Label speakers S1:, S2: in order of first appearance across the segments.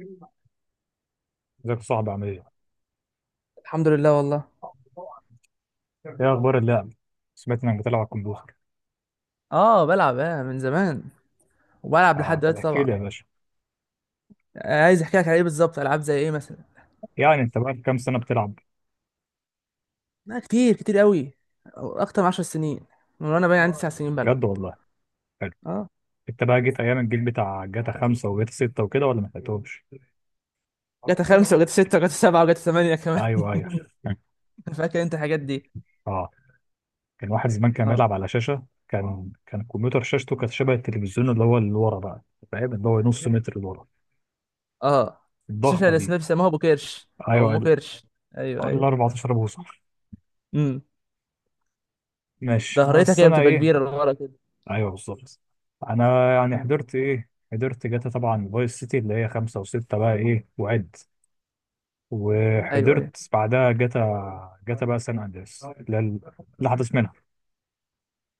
S1: ازيك يا صاحبي، عامل ايه؟
S2: الحمد لله والله.
S1: ايه اخبار اللعب؟ سمعت انك بتلعب على الكمبيوتر.
S2: اه بلعب من زمان، وبلعب
S1: آه
S2: لحد
S1: طب
S2: دلوقتي
S1: احكي
S2: طبعا.
S1: لي يا باشا.
S2: عايز احكي لك على ايه بالظبط؟ العاب زي ايه مثلا؟
S1: يعني انت بقى كام سنة بتلعب؟
S2: لا، كتير كتير قوي، اكتر من 10 سنين، من وانا باين عندي 9 سنين بلعب.
S1: بجد والله. حلو.
S2: اه،
S1: انت بقى جيت ايام الجيل بتاع جاتا 5 وجاتا 6 وكده، ولا ما لحقتهمش؟
S2: جت خمسة وجت ستة وجت سبعة وجت ثمانية كمان.
S1: ايوه ايوه.
S2: فاكر انت الحاجات دي؟
S1: اه. كان واحد زمان كان
S2: اه.
S1: بيلعب على شاشة، كان الكمبيوتر شاشته كانت شبه التلفزيون اللي هو اللي ورا بقى. فاهم، اللي هو نص متر اللي ورا.
S2: اه. شاشه
S1: الضخمة دي.
S2: الاسماء بيسموها ابو كرش او
S1: ايوه
S2: ام
S1: ال
S2: كرش. ايوه ايوه.
S1: 14 بوصة.
S2: امم.
S1: ماشي
S2: ظهرتها
S1: بس
S2: كده
S1: انا
S2: بتبقى
S1: ايه.
S2: كبيره لورا كده.
S1: ايوه بالظبط. انا يعني
S2: مم.
S1: حضرت ايه حضرت جاتا طبعا، فايس سيتي اللي هي خمسة وستة بقى ايه وعد.
S2: ايوه ايوه.
S1: وحضرت بعدها جاتا بقى سان اندريس اللي هي. اللي حدث منها.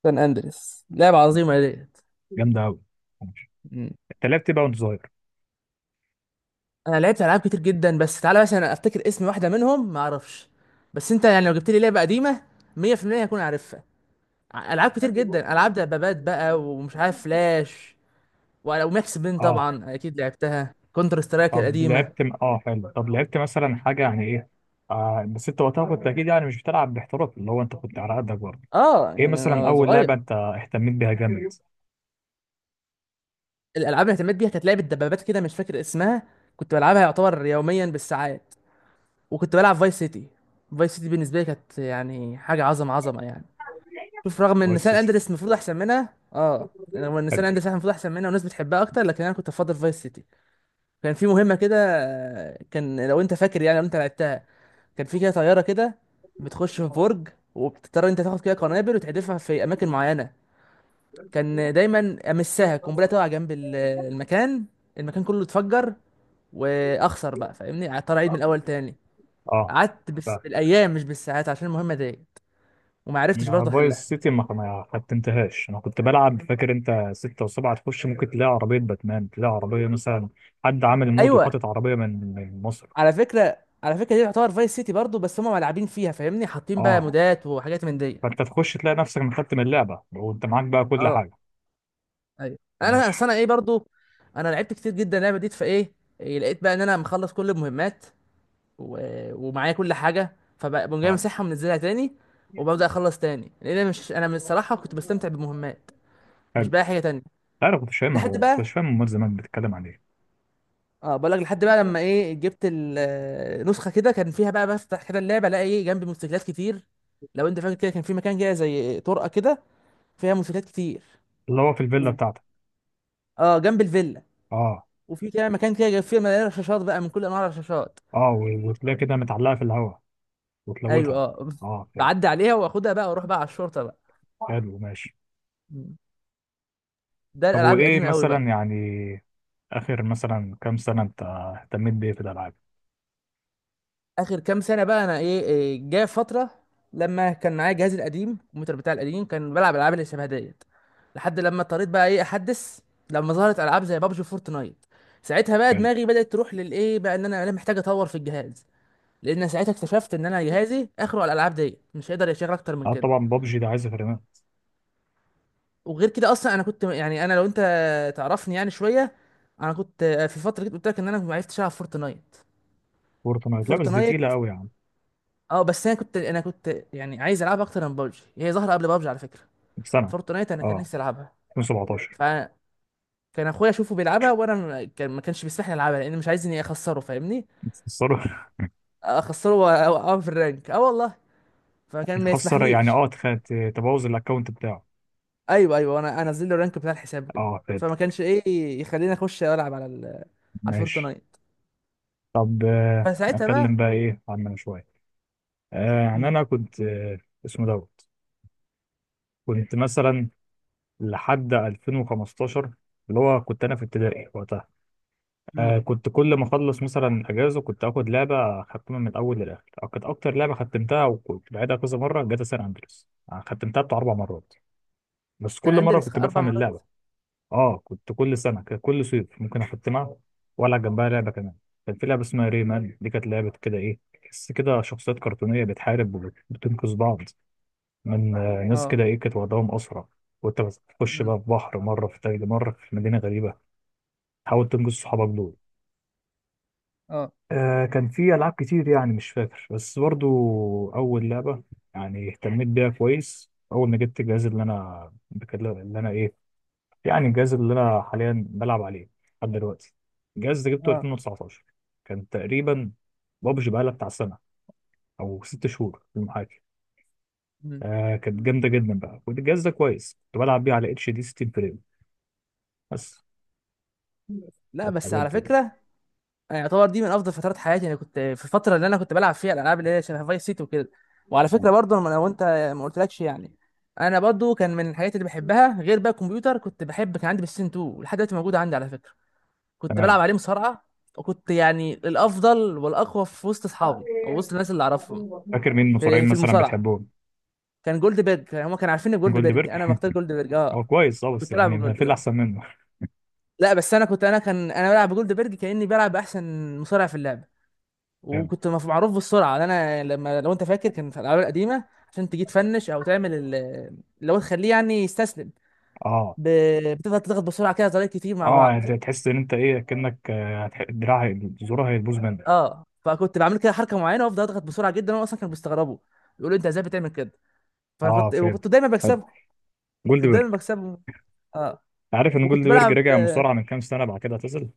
S2: سان اندريس لعبه عظيمه ديت.
S1: جامدة أوي. انت لعبت بقى وانت صغير.
S2: انا لعبت العاب كتير جدا، بس تعالى مثلا افتكر اسم واحده منهم ما اعرفش، بس انت يعني لو جبت لي لعبه قديمه 100% هكون عارفها. العاب كتير جدا، العاب دبابات بقى ومش عارف فلاش وماكس بين،
S1: اه
S2: طبعا اكيد لعبتها، كونتر سترايك
S1: طب
S2: القديمه.
S1: لعبت اه حلو طب لعبت مثلا حاجة يعني ايه. بس انت وقتها كنت اكيد يعني مش بتلعب باحتراف، اللي هو انت كنت على قدك برضه.
S2: اه
S1: ايه
S2: يعني
S1: مثلا
S2: انا
S1: اول لعبة
S2: صغير.
S1: انت اهتميت بيها جامد؟
S2: الالعاب اللي اهتميت بيها كانت لعبه دبابات كده مش فاكر اسمها، كنت بلعبها يعتبر يوميا بالساعات. وكنت بلعب فايس سيتي. فايس سيتي بالنسبه لي كانت يعني حاجه عظمه عظمه يعني. شوف، رغم ان
S1: فايس
S2: سان
S1: سيتي.
S2: اندريس المفروض احسن منها، اه، رغم ان سان
S1: حلو.
S2: اندريس المفروض احسن منها والناس بتحبها اكتر، لكن انا كنت بفضل فايس سيتي. كان في مهمه كده. كان لو انت فاكر، يعني لو انت لعبتها، كان في كده طياره كده بتخش في برج، وبتضطر انت تاخد كده قنابل وتحدفها في اماكن معينه. كان دايما امسها قنبله تقع جنب المكان، المكان كله اتفجر، واخسر بقى فاهمني، اضطر اعيد من الاول تاني.
S1: اه.
S2: قعدت بس بالايام مش بالساعات عشان المهمه ديت، وما عرفتش
S1: أنا
S2: برضه احلها.
S1: فايس سيتي ما ختمتهاش، انا كنت بلعب، فاكر انت ستة وسبعة تخش ممكن تلاقي عربية باتمان، تلاقي عربية مثلا. حد عامل مود
S2: ايوه.
S1: وحاطط عربية من مصر.
S2: على فكره، على فكره دي تعتبر فايس سيتي برضو، بس هم ملعبين فيها فاهمني، حاطين بقى
S1: اه.
S2: مودات وحاجات من دي.
S1: فانت تخش تلاقي نفسك مختم اللعبة وانت معاك بقى كل
S2: اه.
S1: حاجة.
S2: ايوه انا
S1: ماشي.
S2: أصل انا برضو، انا لعبت كتير جدا اللعبه دي فايه، إيه، لقيت بقى ان انا مخلص كل المهمات و... ومعايا كل حاجه، فبقوم جاي
S1: اه
S2: مسحها ومنزلها تاني، وببدا اخلص تاني لان انا مش انا من الصراحه كنت بستمتع بالمهمات، مش
S1: حلو.
S2: بقى حاجه تانية.
S1: لا، انا كنتش
S2: لحد
S1: فاهمها،
S2: بقى،
S1: كنتش فاهم امال زمان بتتكلم عن ايه.
S2: اه بقول لك لحد بقى لما ايه جبت النسخه كده، كان فيها بقى بفتح كده اللعبه الاقي ايه جنبي موتوسيكلات كتير. لو انت فاكر كده كان في مكان كده زي طرقه كده فيها منشورات كتير.
S1: اللي هو في الفيلا
S2: و...
S1: بتاعتك.
S2: اه، جنب الفيلا.
S1: اه.
S2: وفي كده مكان كده جايب فيه مليان رشاشات بقى من كل انواع الرشاشات.
S1: اه و- وتلاقي كده متعلقة في الهواء
S2: ايوه
S1: وتلوتها.
S2: اه.
S1: اه حلو.
S2: بعدي عليها واخدها بقى واروح بقى على الشرطه بقى.
S1: حلو ماشي.
S2: مم. ده
S1: طب
S2: الالعاب
S1: وايه
S2: القديمه قوي
S1: مثلا
S2: بقى.
S1: يعني؟ اخر مثلا كام سنة انت اهتميت بايه في الالعاب؟
S2: اخر كام سنه بقى إيه، جايه فتره لما كان معايا جهازي القديم، الكمبيوتر بتاعي القديم، كان بلعب الالعاب اللي شبه ديت، لحد لما اضطريت بقى ايه احدث، لما ظهرت العاب زي بابجي فورتنايت. ساعتها بقى دماغي بدات تروح للايه بقى، ان انا محتاج اطور في الجهاز، لان ساعتها اكتشفت ان انا جهازي اخره على الالعاب ديت، مش هيقدر يشغل اكتر من
S1: اه
S2: كده.
S1: طبعا بابجي ده عايز فريمات.
S2: وغير كده اصلا انا كنت يعني، انا لو انت تعرفني يعني شويه، انا كنت في فتره، كنت قلت لك ان انا ما عرفتش العب فورتنايت.
S1: فورتنايت لا، بس دي
S2: فورتنايت
S1: تقيله قوي يا عم.
S2: اه، بس انا كنت يعني عايز العبها اكتر من بابجي، هي ظهر قبل بابجي على فكره،
S1: في سنه.
S2: فورتنايت انا كان
S1: اه
S2: نفسي العبها.
S1: 2017.
S2: فكان اخويا اشوفه بيلعبها، وانا ما- كان ما كانش بيسمحني العبها، لان مش عايز اني اخسره فاهمني،
S1: يتخسروا.
S2: اخسره واوقعه في الرانك، اه والله، فكان ما
S1: يتخسر يعني
S2: يسمحليش.
S1: اه تبوظ الاكونت بتاعه.
S2: ايوه ايوه، انا انزل له الرانك بتاع الحساب وكده،
S1: اه فاد.
S2: فما كانش ايه يخليني اخش العب على على
S1: ماشي.
S2: الفورتنايت.
S1: طب
S2: فساعتها
S1: نتكلم
S2: بقى،
S1: بقى ايه عننا شويه. يعني انا كنت. اسمه دوت. كنت مثلا. لحد 2015. اللي هو كنت انا في ابتدائي وقتها.
S2: امم.
S1: كنت كل ما اخلص مثلا اجازه كنت اخد لعبه اختمها من الاول للاخر، أو كانت اكتر لعبه ختمتها وكنت بعيدها كذا مره، جاتا سان اندريس ختمتها بتاع 4 مرات. بس
S2: ده
S1: كل مره
S2: الاندلس
S1: كنت
S2: اربع
S1: بفهم
S2: مرات.
S1: اللعبه. اه كنت كل سنه، كان كل صيف ممكن اختمها. والعب جنبها لعبه كمان. كان في لعبه اسمها ريمان، دي كانت لعبه كده ايه، تحس كده شخصيات كرتونيه بتحارب. وبتنقذ بعض. من ناس
S2: اه.
S1: كده ايه كانت وضعهم اسرع. وانت بتخش
S2: امم.
S1: بقى في بحر مره، في تلج مره، في مدينه غريبه. تحاول تنقذ صحابك دول.
S2: اه.
S1: كان في ألعاب كتير يعني مش فاكر بس برضو. أول لعبة يعني اهتميت بيها كويس أول ما جبت الجهاز اللي أنا بكلم اللي أنا إيه، يعني الجهاز اللي أنا حاليا بلعب عليه لحد دلوقتي. الجهاز ده جبته
S2: اه.
S1: 2019 كان تقريبا. بابجي بقالها بتاع سنة أو 6 شهور في المحاكي.
S2: امم.
S1: كانت جامدة جدا بقى، والجهاز ده كويس، كنت بلعب بيه على اتش دي 60 فريم بس.
S2: لا بس على
S1: اتعلمت بقى.
S2: فكره، يعني يعتبر دي من افضل فترات حياتي، انا كنت في الفتره اللي انا كنت بلعب فيها الالعاب اللي هي شبه فايس سيتي وكده. وعلى
S1: آه،
S2: فكره برضه لو انت ما قلتلكش يعني، انا برضه كان من الحاجات اللي بحبها غير بقى الكمبيوتر كنت بحب، كان عندي بلاي 2 ولحد دلوقتي موجود عندي على فكره، كنت
S1: تمام.
S2: بلعب عليه مصارعه، وكنت يعني الافضل والاقوى في وسط اصحابي او وسط الناس اللي اعرفهم
S1: فاكر مين
S2: في
S1: المصارعين
S2: في
S1: مثلا
S2: المصارعه.
S1: بتحبهم؟
S2: كان جولد بيرج، هم كانوا عارفين جولد
S1: جولد
S2: بيرج، انا
S1: بيرج.
S2: بختار جولد بيرج. اه
S1: هو كويس اه، بس
S2: كنت
S1: يعني ما
S2: العب.
S1: في اللي احسن منه.
S2: لا بس انا بلعب بجولدبرج كاني بلعب باحسن مصارع في اللعبه.
S1: حلو
S2: وكنت معروف بالسرعه، لأن انا لما، لو انت فاكر كان في الالعاب القديمه عشان تجي تفنش او تعمل اللي هو تخليه يعني يستسلم،
S1: اه.
S2: ب... بتفضل تضغط بسرعه كده طريقة كتير مع
S1: اه يعني
S2: بعض.
S1: انت تحس ان انت ايه كأنك الدراع زورها هيبوظ منك.
S2: اه، فكنت بعمل كده حركه معينه وافضل اضغط بسرعه جدا، وانا اصلا كانوا بيستغربوا، يقولوا انت ازاي بتعمل كده، فانا
S1: اه
S2: كنت
S1: فهمت.
S2: وكنت دايما
S1: حلو.
S2: بكسبهم، كنت
S1: جولدبرج.
S2: دايما بكسبهم. اه.
S1: عارف ان
S2: وكنت
S1: جولدبرج
S2: بلعب.
S1: رجع مصارعة من كام سنة، بعد كده اعتزل.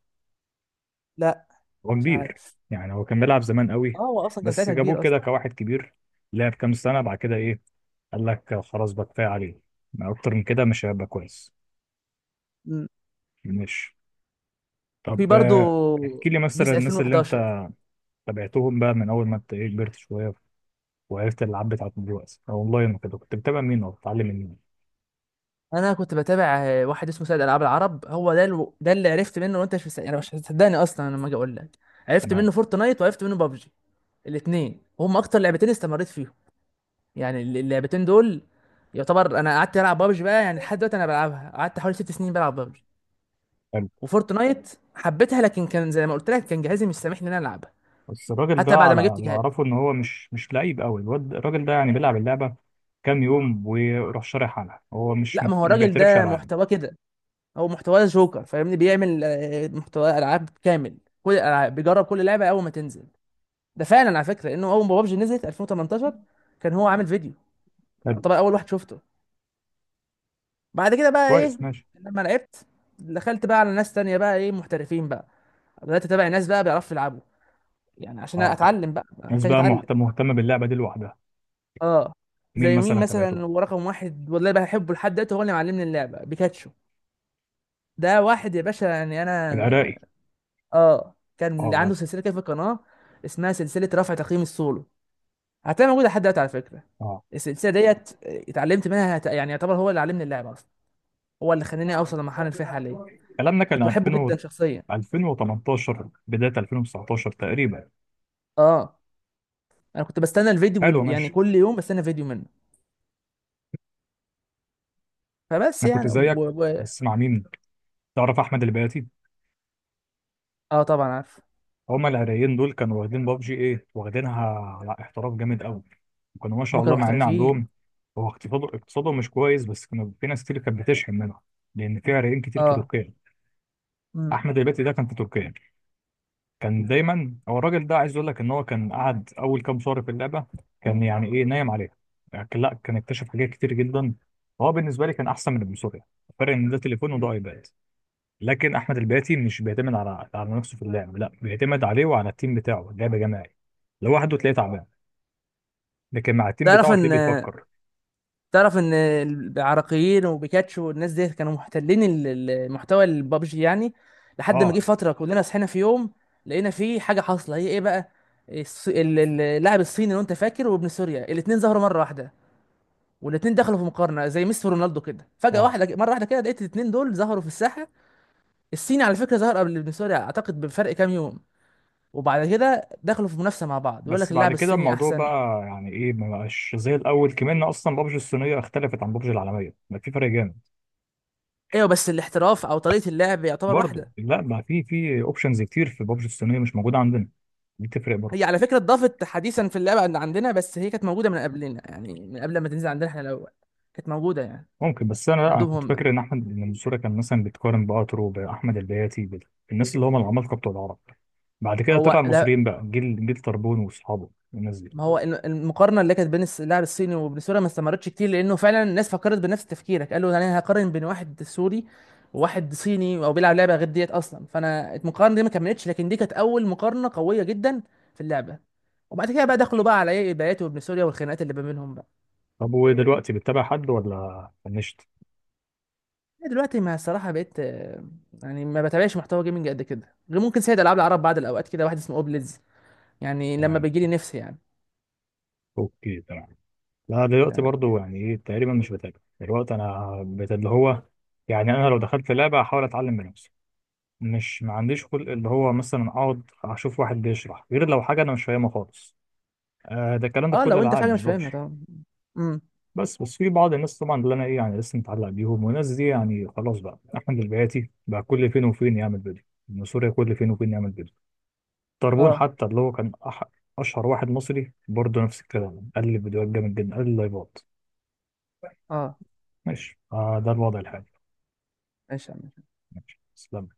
S2: لا
S1: هو
S2: مش
S1: كبير.
S2: عارف.
S1: يعني هو كان بيلعب زمان
S2: اه
S1: قوي.
S2: هو اصلا كان
S1: بس
S2: ساعتها
S1: جابوه
S2: كبير
S1: كده
S2: اصلا.
S1: كواحد كبير، لعب كام سنة بعد كده ايه، قال لك خلاص بقى كفاية عليه، ما اكتر من كده مش هيبقى كويس.
S2: مم.
S1: مش.
S2: وفي
S1: طب
S2: برضه
S1: احكي لي مثلا
S2: بيس
S1: الناس اللي
S2: 2011.
S1: انت تابعتهم بقى من اول ما انت ايه كبرت شوية وعرفت الالعاب بتاعتهم دلوقتي اونلاين وكده، كنت بتابع مين او بتتعلم من مين؟
S2: انا كنت بتابع واحد اسمه سيد العاب العرب، هو ده ده اللي عرفت منه، وانت مش مست... يعني مش هتصدقني اصلا أنا لما اجي اقول لك، عرفت
S1: تمام.
S2: منه فورتنايت وعرفت منه بابجي الاثنين، وهم اكتر لعبتين استمريت فيهم، يعني اللعبتين دول. يعتبر انا قعدت العب بابجي بقى يعني لحد دلوقتي انا بلعبها، قعدت حوالي 6 سنين بلعب بابجي. وفورتنايت حبيتها، لكن كان زي ما قلت لك كان جهازي مش سامحني ان انا العبها
S1: بس الراجل ده
S2: حتى بعد
S1: على
S2: ما جبت
S1: اللي
S2: جهاز.
S1: اعرفه ان هو مش لعيب قوي، الواد الراجل ده يعني بيلعب اللعبه كام يوم ويروح شارح عنها، هو مش
S2: لا، ما هو
S1: ما
S2: الراجل
S1: بيعترفش
S2: ده
S1: العاب.
S2: محتواه كده، هو محتواه جوكر فاهمني، بيعمل محتوى العاب كامل، كل الالعاب بيجرب كل لعبه اول ما تنزل، ده فعلا على فكره لانه اول ما بابجي نزلت 2018 كان هو عامل فيديو،
S1: حلو.
S2: يعني طبعا اول واحد شفته. بعد كده بقى ايه،
S1: كويس ماشي.
S2: لما لعبت دخلت بقى على ناس تانية بقى ايه محترفين بقى، بدات اتابع ناس بقى بيعرفوا يلعبوا، يعني عشان
S1: اه.
S2: اتعلم بقى، أنا
S1: ناس
S2: محتاج
S1: بقى
S2: اتعلم.
S1: مهتمه باللعبه دي لوحدها.
S2: اه.
S1: مين
S2: زي مين
S1: مثلا تابعته؟
S2: مثلا، هو رقم واحد والله بحبه لحد دلوقتي، هو اللي معلمني اللعبه، بيكاتشو. ده واحد يا باشا يعني
S1: العراقي.
S2: انا. اه،
S1: اه
S2: كان عنده
S1: عارف.
S2: سلسله كده في القناه اسمها سلسله رفع تقييم السولو، هتلاقيها موجوده لحد دلوقتي على فكره.
S1: اه.
S2: السلسله ديت اتعلمت منها، يعني يعتبر هو اللي علمني اللعبه اصلا، هو اللي خلاني اوصل للمرحله اللي فيها حاليا.
S1: الكلام ده كان
S2: كنت بحبه
S1: 2000 .
S2: جدا شخصيا.
S1: 2018 بدايه 2019 تقريبا.
S2: اه، انا كنت بستنى الفيديو
S1: حلو
S2: يعني
S1: ماشي.
S2: كل يوم بستنى فيديو منه. فبس
S1: انا كنت
S2: يعني
S1: زيك.
S2: و...
S1: بس مع مين؟ تعرف احمد البياتي؟
S2: اه طبعا عارف.
S1: هما العراقيين دول كانوا واخدين بابجي ايه، واخدينها على احتراف جامد قوي. كانوا ما شاء
S2: هم
S1: الله،
S2: كانوا
S1: مع ان
S2: محترفين.
S1: عندهم، هو اقتصاده مش كويس، بس كانوا في ناس كتير كانت بتشحن منها، لان في عراقيين كتير في
S2: اه.
S1: تركيا.
S2: امم.
S1: احمد الباتي ده كان في تركيا. كان دايما هو الراجل ده عايز يقول لك ان هو كان قعد اول كام شهر في اللعبه، كان يعني ايه نايم عليها. يعني لا كان اكتشف حاجات كتير جدا. هو بالنسبه لي كان احسن من ابن سوريا. الفرق ان ده تليفون وده ايباد. لكن احمد الباتي مش بيعتمد على نفسه في اللعب، لا بيعتمد عليه وعلى التيم بتاعه، اللعب جماعي. لوحده تلاقيه تعبان، لكن مع التيم
S2: تعرف
S1: بتاعه تلاقيه
S2: ان
S1: بيفكر.
S2: تعرف ان العراقيين وبيكاتشو والناس دي كانوا محتلين المحتوى البابجي يعني، لحد ما جه
S1: اه.
S2: فتره كلنا صحينا في يوم لقينا فيه حاجه حاصله، هي ايه بقى؟ اللاعب الصيني لو انت فاكر وابن سوريا، الاثنين ظهروا مره واحده، والاثنين دخلوا في مقارنه زي ميسي ورونالدو كده، فجاه
S1: اه.
S2: واحده مره واحده كده لقيت الاثنين دول ظهروا في الساحه. الصيني على فكره ظهر قبل ابن سوريا اعتقد بفرق كام يوم، وبعد كده دخلوا في منافسه مع بعض، يقول لك
S1: بس بعد
S2: اللاعب
S1: كده
S2: الصيني
S1: الموضوع
S2: احسن.
S1: بقى يعني ايه ما بقاش زي الاول، كمان اصلا بابجي الصينيه اختلفت عن بابجي العالميه بقى، في فرق جامد.
S2: ايوه، بس الاحتراف او طريقه اللعب يعتبر
S1: برضه
S2: واحده.
S1: لا، بقى في اوبشنز كتير في بابجي الصينيه مش موجوده عندنا. دي تفرق برضه.
S2: هي على فكرة اتضافت حديثا في اللعبة عندنا، بس هي كانت موجودة من قبلنا يعني، من قبل ما تنزل عندنا احنا الأول كانت موجودة يعني،
S1: ممكن، بس انا لا انا
S2: عندهم
S1: كنت
S2: هم.
S1: فاكر ان احمد ان المنصوره كان مثلا بيتقارن باترو، باحمد البياتي، بالناس اللي هم العمالقه بتوع العرب. بعد كده طلع
S2: هو لا،
S1: المصريين بقى، جيل جيل طربون واصحابه الناس دي.
S2: ما هو المقارنة اللي كانت بين اللاعب الصيني وبين سوريا ما استمرتش كتير، لأنه فعلا الناس فكرت بنفس تفكيرك، قالوا أنا هقارن بين واحد سوري وواحد صيني أو بيلعب لعبة غير ديت أصلا، فأنا المقارنة دي ما كملتش، لكن دي كانت أول مقارنة قوية جدا في اللعبة. وبعد كده بقى دخلوا بقى على ايه، البيات وابن سوريا والخناقات اللي ما بينهم بقى.
S1: طب ودلوقتي بتتابع حد ولا فنشت؟
S2: دلوقتي ما الصراحه بقيت يعني ما بتابعش محتوى جيمنج قد كده، غير ممكن سيد العاب العرب بعض الاوقات، كده واحد اسمه اوبليدز، يعني لما
S1: تمام.
S2: بيجي لي نفسي يعني.
S1: اوكي تمام. لا، دلوقتي
S2: تمام.
S1: برضو يعني ايه تقريبا مش بتابع، دلوقتي انا اللي هو، يعني انا لو دخلت لعبه احاول اتعلم من نفسي. مش ما عنديش خلق اللي هو مثلا اقعد اشوف واحد بيشرح، غير لو حاجه انا مش فاهمها خالص. ده الكلام ده في
S2: اه
S1: كل
S2: لو انت في
S1: الالعاب،
S2: حاجه
S1: مش
S2: مش
S1: ببجي.
S2: فاهمها طبعا. امم.
S1: بس في بعض الناس طبعا اللي انا ايه يعني لسه متعلق بيهم، والناس دي يعني خلاص بقى، احمد البياتي بقى كل فين وفين يعمل فيديو، من سوريا كل فين وفين يعمل فيديو. طربون
S2: اه.
S1: حتى اللي هو كان اشهر واحد مصري، برضه نفس الكلام، قال لي فيديوهات جامد جدا، قال لي لايفات.
S2: اه.
S1: ماشي. ده الوضع الحالي.
S2: ماشي يا عم.
S1: تسلم.